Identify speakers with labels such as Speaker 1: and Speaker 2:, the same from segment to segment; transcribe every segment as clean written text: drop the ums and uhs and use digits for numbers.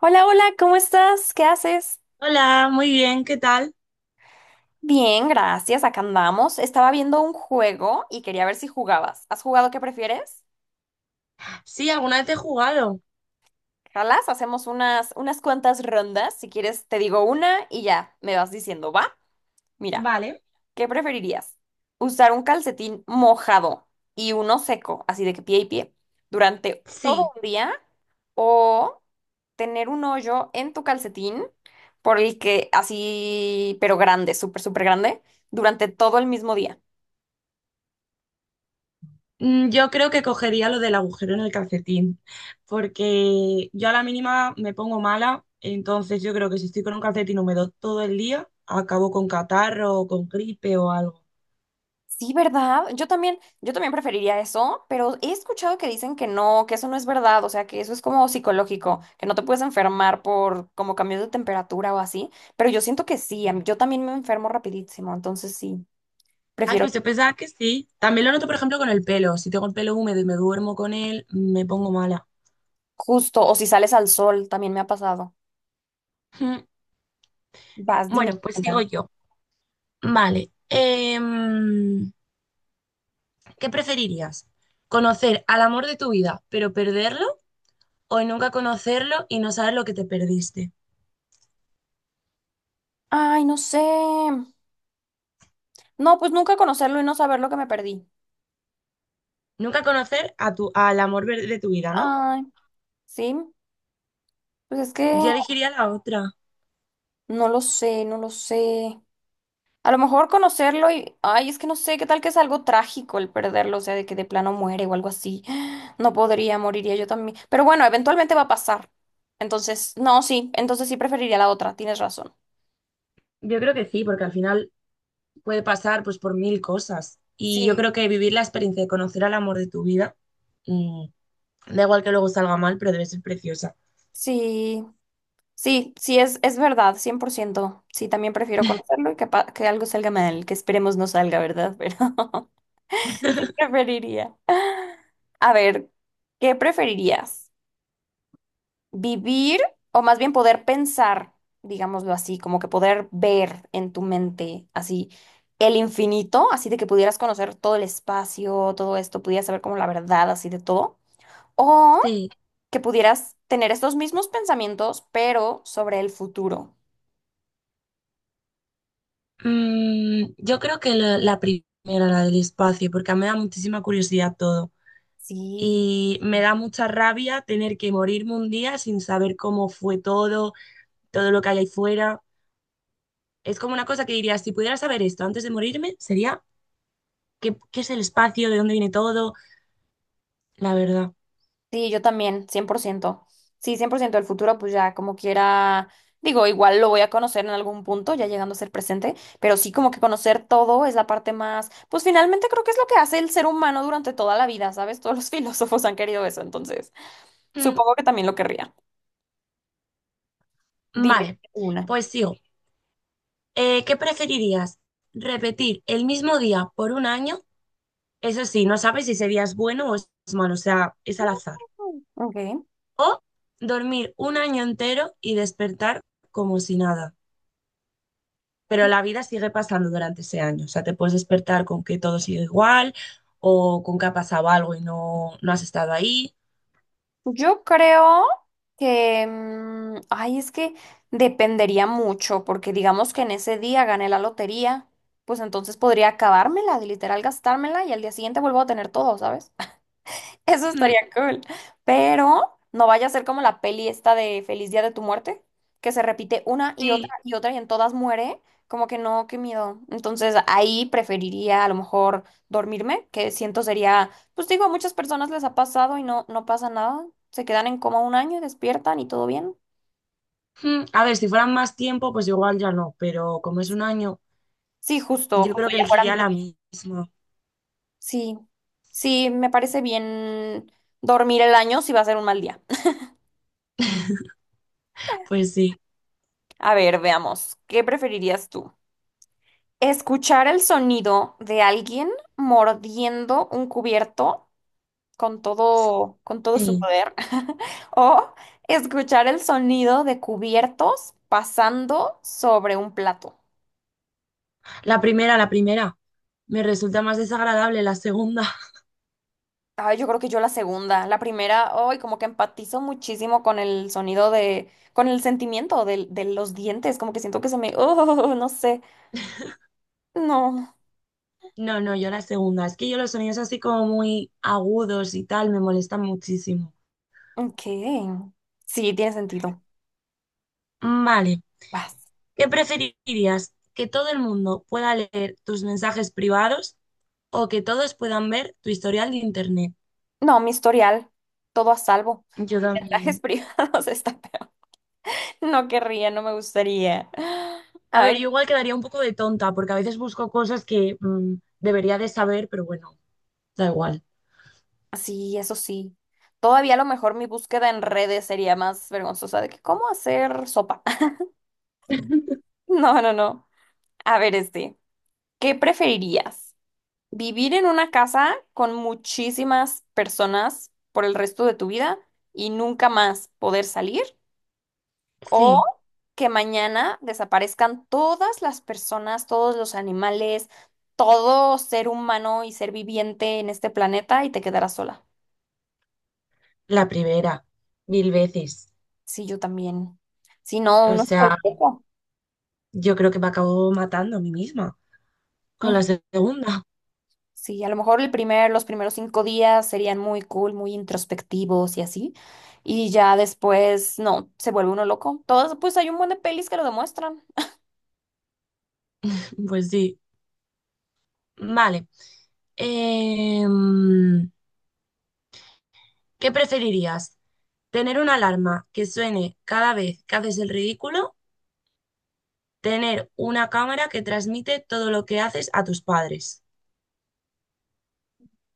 Speaker 1: Hola, hola, ¿cómo estás? ¿Qué haces?
Speaker 2: Hola, muy bien, ¿qué tal?
Speaker 1: Bien, gracias, acá andamos. Estaba viendo un juego y quería ver si jugabas. ¿Has jugado qué prefieres?
Speaker 2: Sí, alguna vez he jugado.
Speaker 1: Jalas, hacemos unas cuantas rondas. Si quieres, te digo una y ya me vas diciendo, ¿va? Mira.
Speaker 2: Vale.
Speaker 1: ¿Qué preferirías? ¿Usar un calcetín mojado y uno seco, así de que pie y pie, durante todo
Speaker 2: Sí.
Speaker 1: un día? ¿O tener un hoyo en tu calcetín por el que así, pero grande, súper, súper grande, durante todo el mismo día?
Speaker 2: Yo creo que cogería lo del agujero en el calcetín, porque yo a la mínima me pongo mala, entonces yo creo que si estoy con un calcetín húmedo todo el día, acabo con catarro o con gripe o algo.
Speaker 1: Sí, ¿verdad? Yo también preferiría eso, pero he escuchado que dicen que no, que eso no es verdad, o sea, que eso es como psicológico, que no te puedes enfermar por como cambios de temperatura o así, pero yo siento que sí, yo también me enfermo rapidísimo, entonces sí,
Speaker 2: Ay,
Speaker 1: prefiero
Speaker 2: pues yo pensaba que sí. También lo noto, por ejemplo, con el pelo. Si tengo el pelo húmedo y me duermo con él, me pongo mala.
Speaker 1: justo, o si sales al sol, también me ha pasado.
Speaker 2: Mm.
Speaker 1: Vas, dime.
Speaker 2: Bueno, pues
Speaker 1: Una.
Speaker 2: sigo yo. Vale. ¿Qué preferirías? ¿Conocer al amor de tu vida, pero perderlo? ¿O nunca conocerlo y no saber lo que te perdiste?
Speaker 1: Ay, no sé. No, pues nunca conocerlo y no saber lo que me perdí.
Speaker 2: Nunca conocer al amor de tu vida, ¿no?
Speaker 1: Ay, sí, pues es que
Speaker 2: Yo elegiría la otra.
Speaker 1: no lo sé, no lo sé. A lo mejor conocerlo y, ay, es que no sé, qué tal que es algo trágico el perderlo, o sea, de que de plano muere o algo así. No podría, moriría yo también. Pero bueno, eventualmente va a pasar. Entonces, no, sí, entonces sí preferiría la otra, tienes razón.
Speaker 2: Yo creo que sí, porque al final puede pasar pues por mil cosas. Y yo
Speaker 1: Sí,
Speaker 2: creo que vivir la experiencia de conocer al amor de tu vida, mm, da igual que luego salga mal, pero debe ser preciosa.
Speaker 1: sí, sí, sí, es verdad, 100%. Sí, también prefiero conocerlo y que, que algo salga mal, que esperemos no salga, ¿verdad? Pero preferiría. A ver, ¿qué preferirías? Vivir o más bien poder pensar, digámoslo así, como que poder ver en tu mente así el infinito, así de que pudieras conocer todo el espacio, todo esto, pudieras saber como la verdad así de todo, o
Speaker 2: Sí.
Speaker 1: que pudieras tener estos mismos pensamientos, pero sobre el futuro.
Speaker 2: Yo creo que la primera, la del espacio, porque a mí me da muchísima curiosidad todo.
Speaker 1: Sí.
Speaker 2: Y me da mucha rabia tener que morirme un día sin saber cómo fue todo, todo lo que hay ahí fuera. Es como una cosa que diría, si pudiera saber esto antes de morirme, sería qué es el espacio, de dónde viene todo, la verdad.
Speaker 1: Sí, yo también, 100%. Sí, 100%. Del futuro, pues ya como quiera, digo, igual lo voy a conocer en algún punto, ya llegando a ser presente, pero sí como que conocer todo es la parte más, pues finalmente creo que es lo que hace el ser humano durante toda la vida, ¿sabes? Todos los filósofos han querido eso, entonces
Speaker 2: Mm,
Speaker 1: supongo que también lo querría. Dime
Speaker 2: vale,
Speaker 1: una.
Speaker 2: pues sigo. ¿Qué preferirías? ¿Repetir el mismo día por un año? Eso sí, no sabes si ese día es bueno o es malo, o sea, es al azar.
Speaker 1: Mm. Ok.
Speaker 2: O dormir un año entero y despertar como si nada, pero la vida sigue pasando durante ese año. O sea, te puedes despertar con que todo sigue igual o con que ha pasado algo y no, no has estado ahí.
Speaker 1: Yo creo que, ay, es que dependería mucho, porque digamos que en ese día gané la lotería, pues entonces podría acabármela, de literal gastármela y al día siguiente vuelvo a tener todo, ¿sabes? Eso
Speaker 2: Hmm.
Speaker 1: estaría cool. Pero no vaya a ser como la peli esta de Feliz Día de tu Muerte, que se repite una y otra
Speaker 2: Sí.
Speaker 1: y otra y en todas muere. Como que no, qué miedo. Entonces ahí preferiría a lo mejor dormirme, que siento sería, pues digo, a muchas personas les ha pasado y no, no pasa nada. Se quedan en coma un año y despiertan y todo bien.
Speaker 2: Hmm. A ver, si fueran más tiempo, pues igual ya no, pero como es un año,
Speaker 1: Sí, justo,
Speaker 2: yo
Speaker 1: justo,
Speaker 2: creo que
Speaker 1: ya fueran
Speaker 2: elegiría
Speaker 1: bien.
Speaker 2: la misma.
Speaker 1: Sí, sí, me parece bien dormir el año si va a ser un mal día.
Speaker 2: Pues sí.
Speaker 1: A ver, veamos, ¿qué preferirías tú? Escuchar el sonido de alguien mordiendo un cubierto con todo su
Speaker 2: Sí.
Speaker 1: poder, o escuchar el sonido de cubiertos pasando sobre un plato.
Speaker 2: La primera, la primera. Me resulta más desagradable la segunda.
Speaker 1: Ay, yo creo que yo la segunda, la primera, ay, como que empatizo muchísimo con el sonido de, con el sentimiento de, los dientes, como que siento que se me, oh, no sé, no,
Speaker 2: No, no, yo la segunda. Es que yo los sonidos así como muy agudos y tal me molestan muchísimo.
Speaker 1: ok, sí, tiene sentido,
Speaker 2: Vale.
Speaker 1: vas.
Speaker 2: ¿Qué preferirías? ¿Que todo el mundo pueda leer tus mensajes privados o que todos puedan ver tu historial de internet?
Speaker 1: No, mi historial, todo a salvo.
Speaker 2: Yo
Speaker 1: Viajes
Speaker 2: también.
Speaker 1: privados está peor. No querría, no me gustaría.
Speaker 2: A ver,
Speaker 1: Ay, no.
Speaker 2: yo igual quedaría un poco de tonta porque a veces busco cosas que debería de saber, pero bueno, da igual.
Speaker 1: Sí, eso sí. Todavía a lo mejor mi búsqueda en redes sería más vergonzosa de que cómo hacer sopa. No, no, no. A ver, este, ¿qué preferirías? ¿Vivir en una casa con muchísimas personas por el resto de tu vida y nunca más poder salir? O
Speaker 2: Sí,
Speaker 1: que mañana desaparezcan todas las personas, todos los animales, todo ser humano y ser viviente en este planeta y te quedarás sola.
Speaker 2: la primera, mil veces.
Speaker 1: Sí, yo también. Si no,
Speaker 2: O
Speaker 1: uno es
Speaker 2: sea,
Speaker 1: cualquiera.
Speaker 2: yo creo que me acabo matando a mí misma con
Speaker 1: Mm.
Speaker 2: la segunda.
Speaker 1: Sí, a lo mejor el primer, los primeros 5 días serían muy cool, muy introspectivos y así. Y ya después, no, se vuelve uno loco. Todas, pues hay un buen de pelis que lo demuestran.
Speaker 2: Pues sí. Vale. Em, ¿Qué preferirías? ¿Tener una alarma que suene cada vez que haces el ridículo? ¿Tener una cámara que transmite todo lo que haces a tus padres?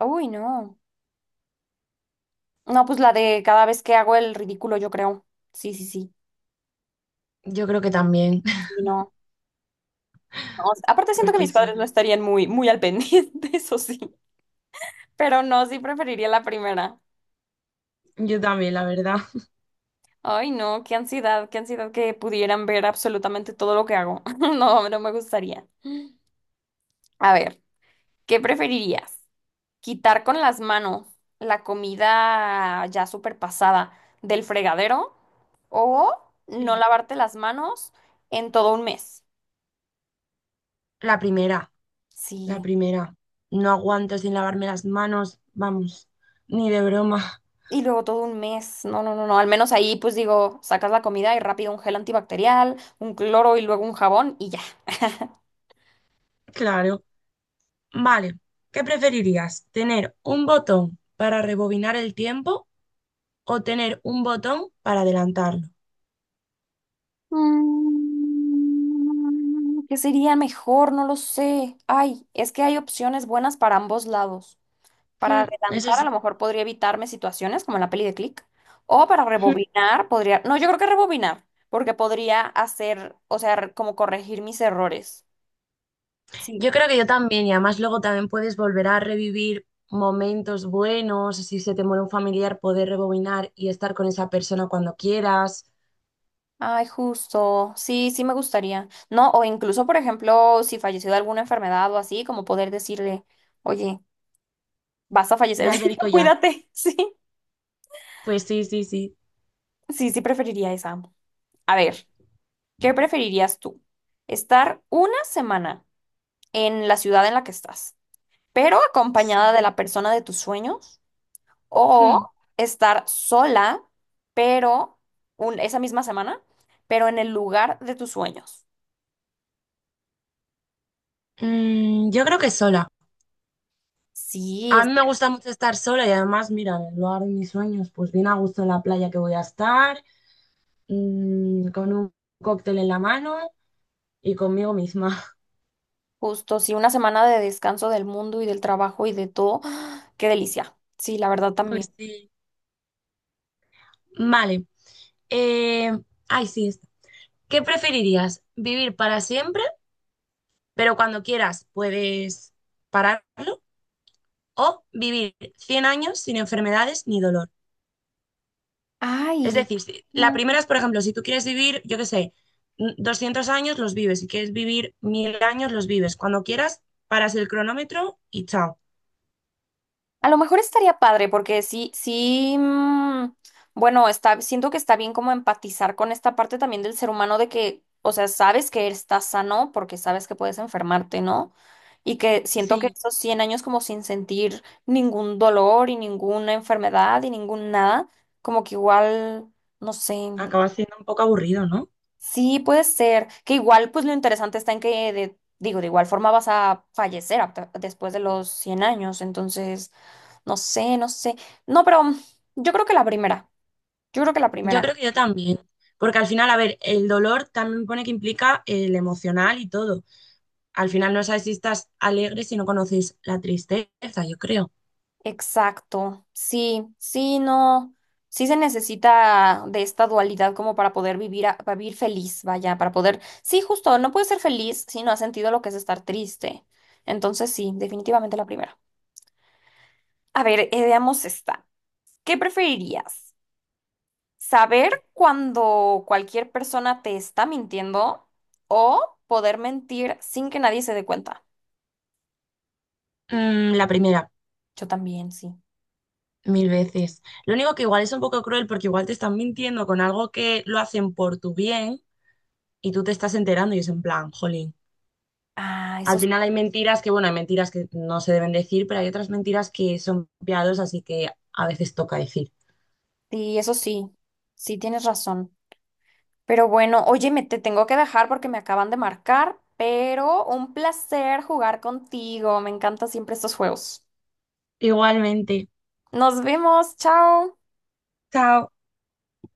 Speaker 1: Uy, no. No, pues la de cada vez que hago el ridículo, yo creo. Sí, sí, sí.
Speaker 2: Yo creo que también,
Speaker 1: Sí, no. No, aparte siento que
Speaker 2: porque
Speaker 1: mis
Speaker 2: si
Speaker 1: padres no
Speaker 2: no.
Speaker 1: estarían muy, muy al pendiente, eso sí. Pero no, sí preferiría la primera.
Speaker 2: Yo también, la verdad.
Speaker 1: Ay, no, qué ansiedad que pudieran ver absolutamente todo lo que hago. No, no me gustaría. A ver, ¿qué preferirías? ¿Quitar con las manos la comida ya súper pasada del fregadero o no
Speaker 2: Sí.
Speaker 1: lavarte las manos en todo un mes?
Speaker 2: La primera, la
Speaker 1: Sí.
Speaker 2: primera. No aguanto sin lavarme las manos, vamos, ni de broma.
Speaker 1: Y luego todo un mes. No, no, no, no. Al menos ahí, pues digo, sacas la comida y rápido un gel antibacterial, un cloro y luego un jabón y ya.
Speaker 2: Claro. Vale, ¿qué preferirías? ¿Tener un botón para rebobinar el tiempo o tener un botón para adelantarlo?
Speaker 1: ¿Qué sería mejor? No lo sé. Ay, es que hay opciones buenas para ambos lados. Para
Speaker 2: Hmm, eso
Speaker 1: adelantar, a
Speaker 2: sí.
Speaker 1: lo mejor podría evitarme situaciones como en la peli de Click. O para rebobinar, podría. No, yo creo que rebobinar, porque podría hacer, o sea, como corregir mis errores. Sí.
Speaker 2: Yo creo que yo también, y además luego también puedes volver a revivir momentos buenos, si se te muere un familiar, poder rebobinar y estar con esa persona cuando quieras.
Speaker 1: Ay, justo. Sí, sí me gustaría. No, o incluso, por ejemplo, si falleció de alguna enfermedad o así, como poder decirle, oye, vas a
Speaker 2: Ve
Speaker 1: fallecer,
Speaker 2: al médico ya.
Speaker 1: cuídate. Sí,
Speaker 2: Pues sí, sí, sí.
Speaker 1: sí, sí preferiría esa. A ver, ¿qué preferirías tú? Estar una semana en la ciudad en la que estás, pero acompañada
Speaker 2: Sí.
Speaker 1: de la persona de tus sueños, o
Speaker 2: Hmm.
Speaker 1: estar sola, pero esa misma semana, pero en el lugar de tus sueños.
Speaker 2: Yo creo que sola.
Speaker 1: Sí,
Speaker 2: A mí me gusta mucho estar sola y además, mira, en el lugar de mis sueños, pues bien a gusto en la playa que voy a estar, con un cóctel en la mano y conmigo misma.
Speaker 1: justo, sí, una semana de descanso del mundo y del trabajo y de todo. ¡Ah! Qué delicia. Sí, la verdad también.
Speaker 2: Pues sí. Vale. Eh, ay, sí. ¿Qué preferirías? ¿Vivir para siempre, pero cuando quieras puedes pararlo? ¿O vivir 100 años sin enfermedades ni dolor? Es
Speaker 1: Ay,
Speaker 2: decir, la
Speaker 1: mm,
Speaker 2: primera es, por ejemplo, si tú quieres vivir, yo qué sé, 200 años, los vives. Si quieres vivir 1000 años, los vives. Cuando quieras, paras el cronómetro y chao.
Speaker 1: a lo mejor estaría padre porque sí, sí, bueno, está, siento que está bien como empatizar con esta parte también del ser humano de que, o sea, sabes que estás sano porque sabes que puedes enfermarte, ¿no? Y que siento que
Speaker 2: Sí.
Speaker 1: esos 100 años como sin sentir ningún dolor y ninguna enfermedad y ningún nada, como que igual, no sé.
Speaker 2: Acaba siendo un poco aburrido, ¿no?
Speaker 1: Sí, puede ser. Que igual, pues lo interesante está en que, digo, de igual forma vas a fallecer después de los 100 años. Entonces, no sé, no sé. No, pero yo creo que la primera. Yo creo que la
Speaker 2: Yo
Speaker 1: primera.
Speaker 2: creo que yo también. Porque al final, a ver, el dolor también pone que implica el emocional y todo. Al final no sabes si estás alegre si no conoces la tristeza, yo creo.
Speaker 1: Exacto. Sí, sí, no. Sí se necesita de esta dualidad como para poder vivir, para vivir feliz, vaya, para poder. Sí, justo, no puedes ser feliz si no has sentido lo que es estar triste. Entonces, sí, definitivamente la primera. A ver, veamos esta. ¿Qué preferirías? Saber cuando cualquier persona te está mintiendo o poder mentir sin que nadie se dé cuenta.
Speaker 2: La primera,
Speaker 1: Yo también, sí.
Speaker 2: mil veces. Lo único que igual es un poco cruel porque igual te están mintiendo con algo que lo hacen por tu bien y tú te estás enterando y es en plan, jolín.
Speaker 1: Ah,
Speaker 2: Al final hay mentiras que, bueno, hay mentiras que no se deben decir, pero hay otras mentiras que son piadosas, así que a veces toca decir.
Speaker 1: sí, eso sí. Sí, tienes razón. Pero bueno, oye, me te tengo que dejar porque me acaban de marcar, pero un placer jugar contigo. Me encantan siempre estos juegos.
Speaker 2: Igualmente.
Speaker 1: Nos vemos, chao.
Speaker 2: Chao.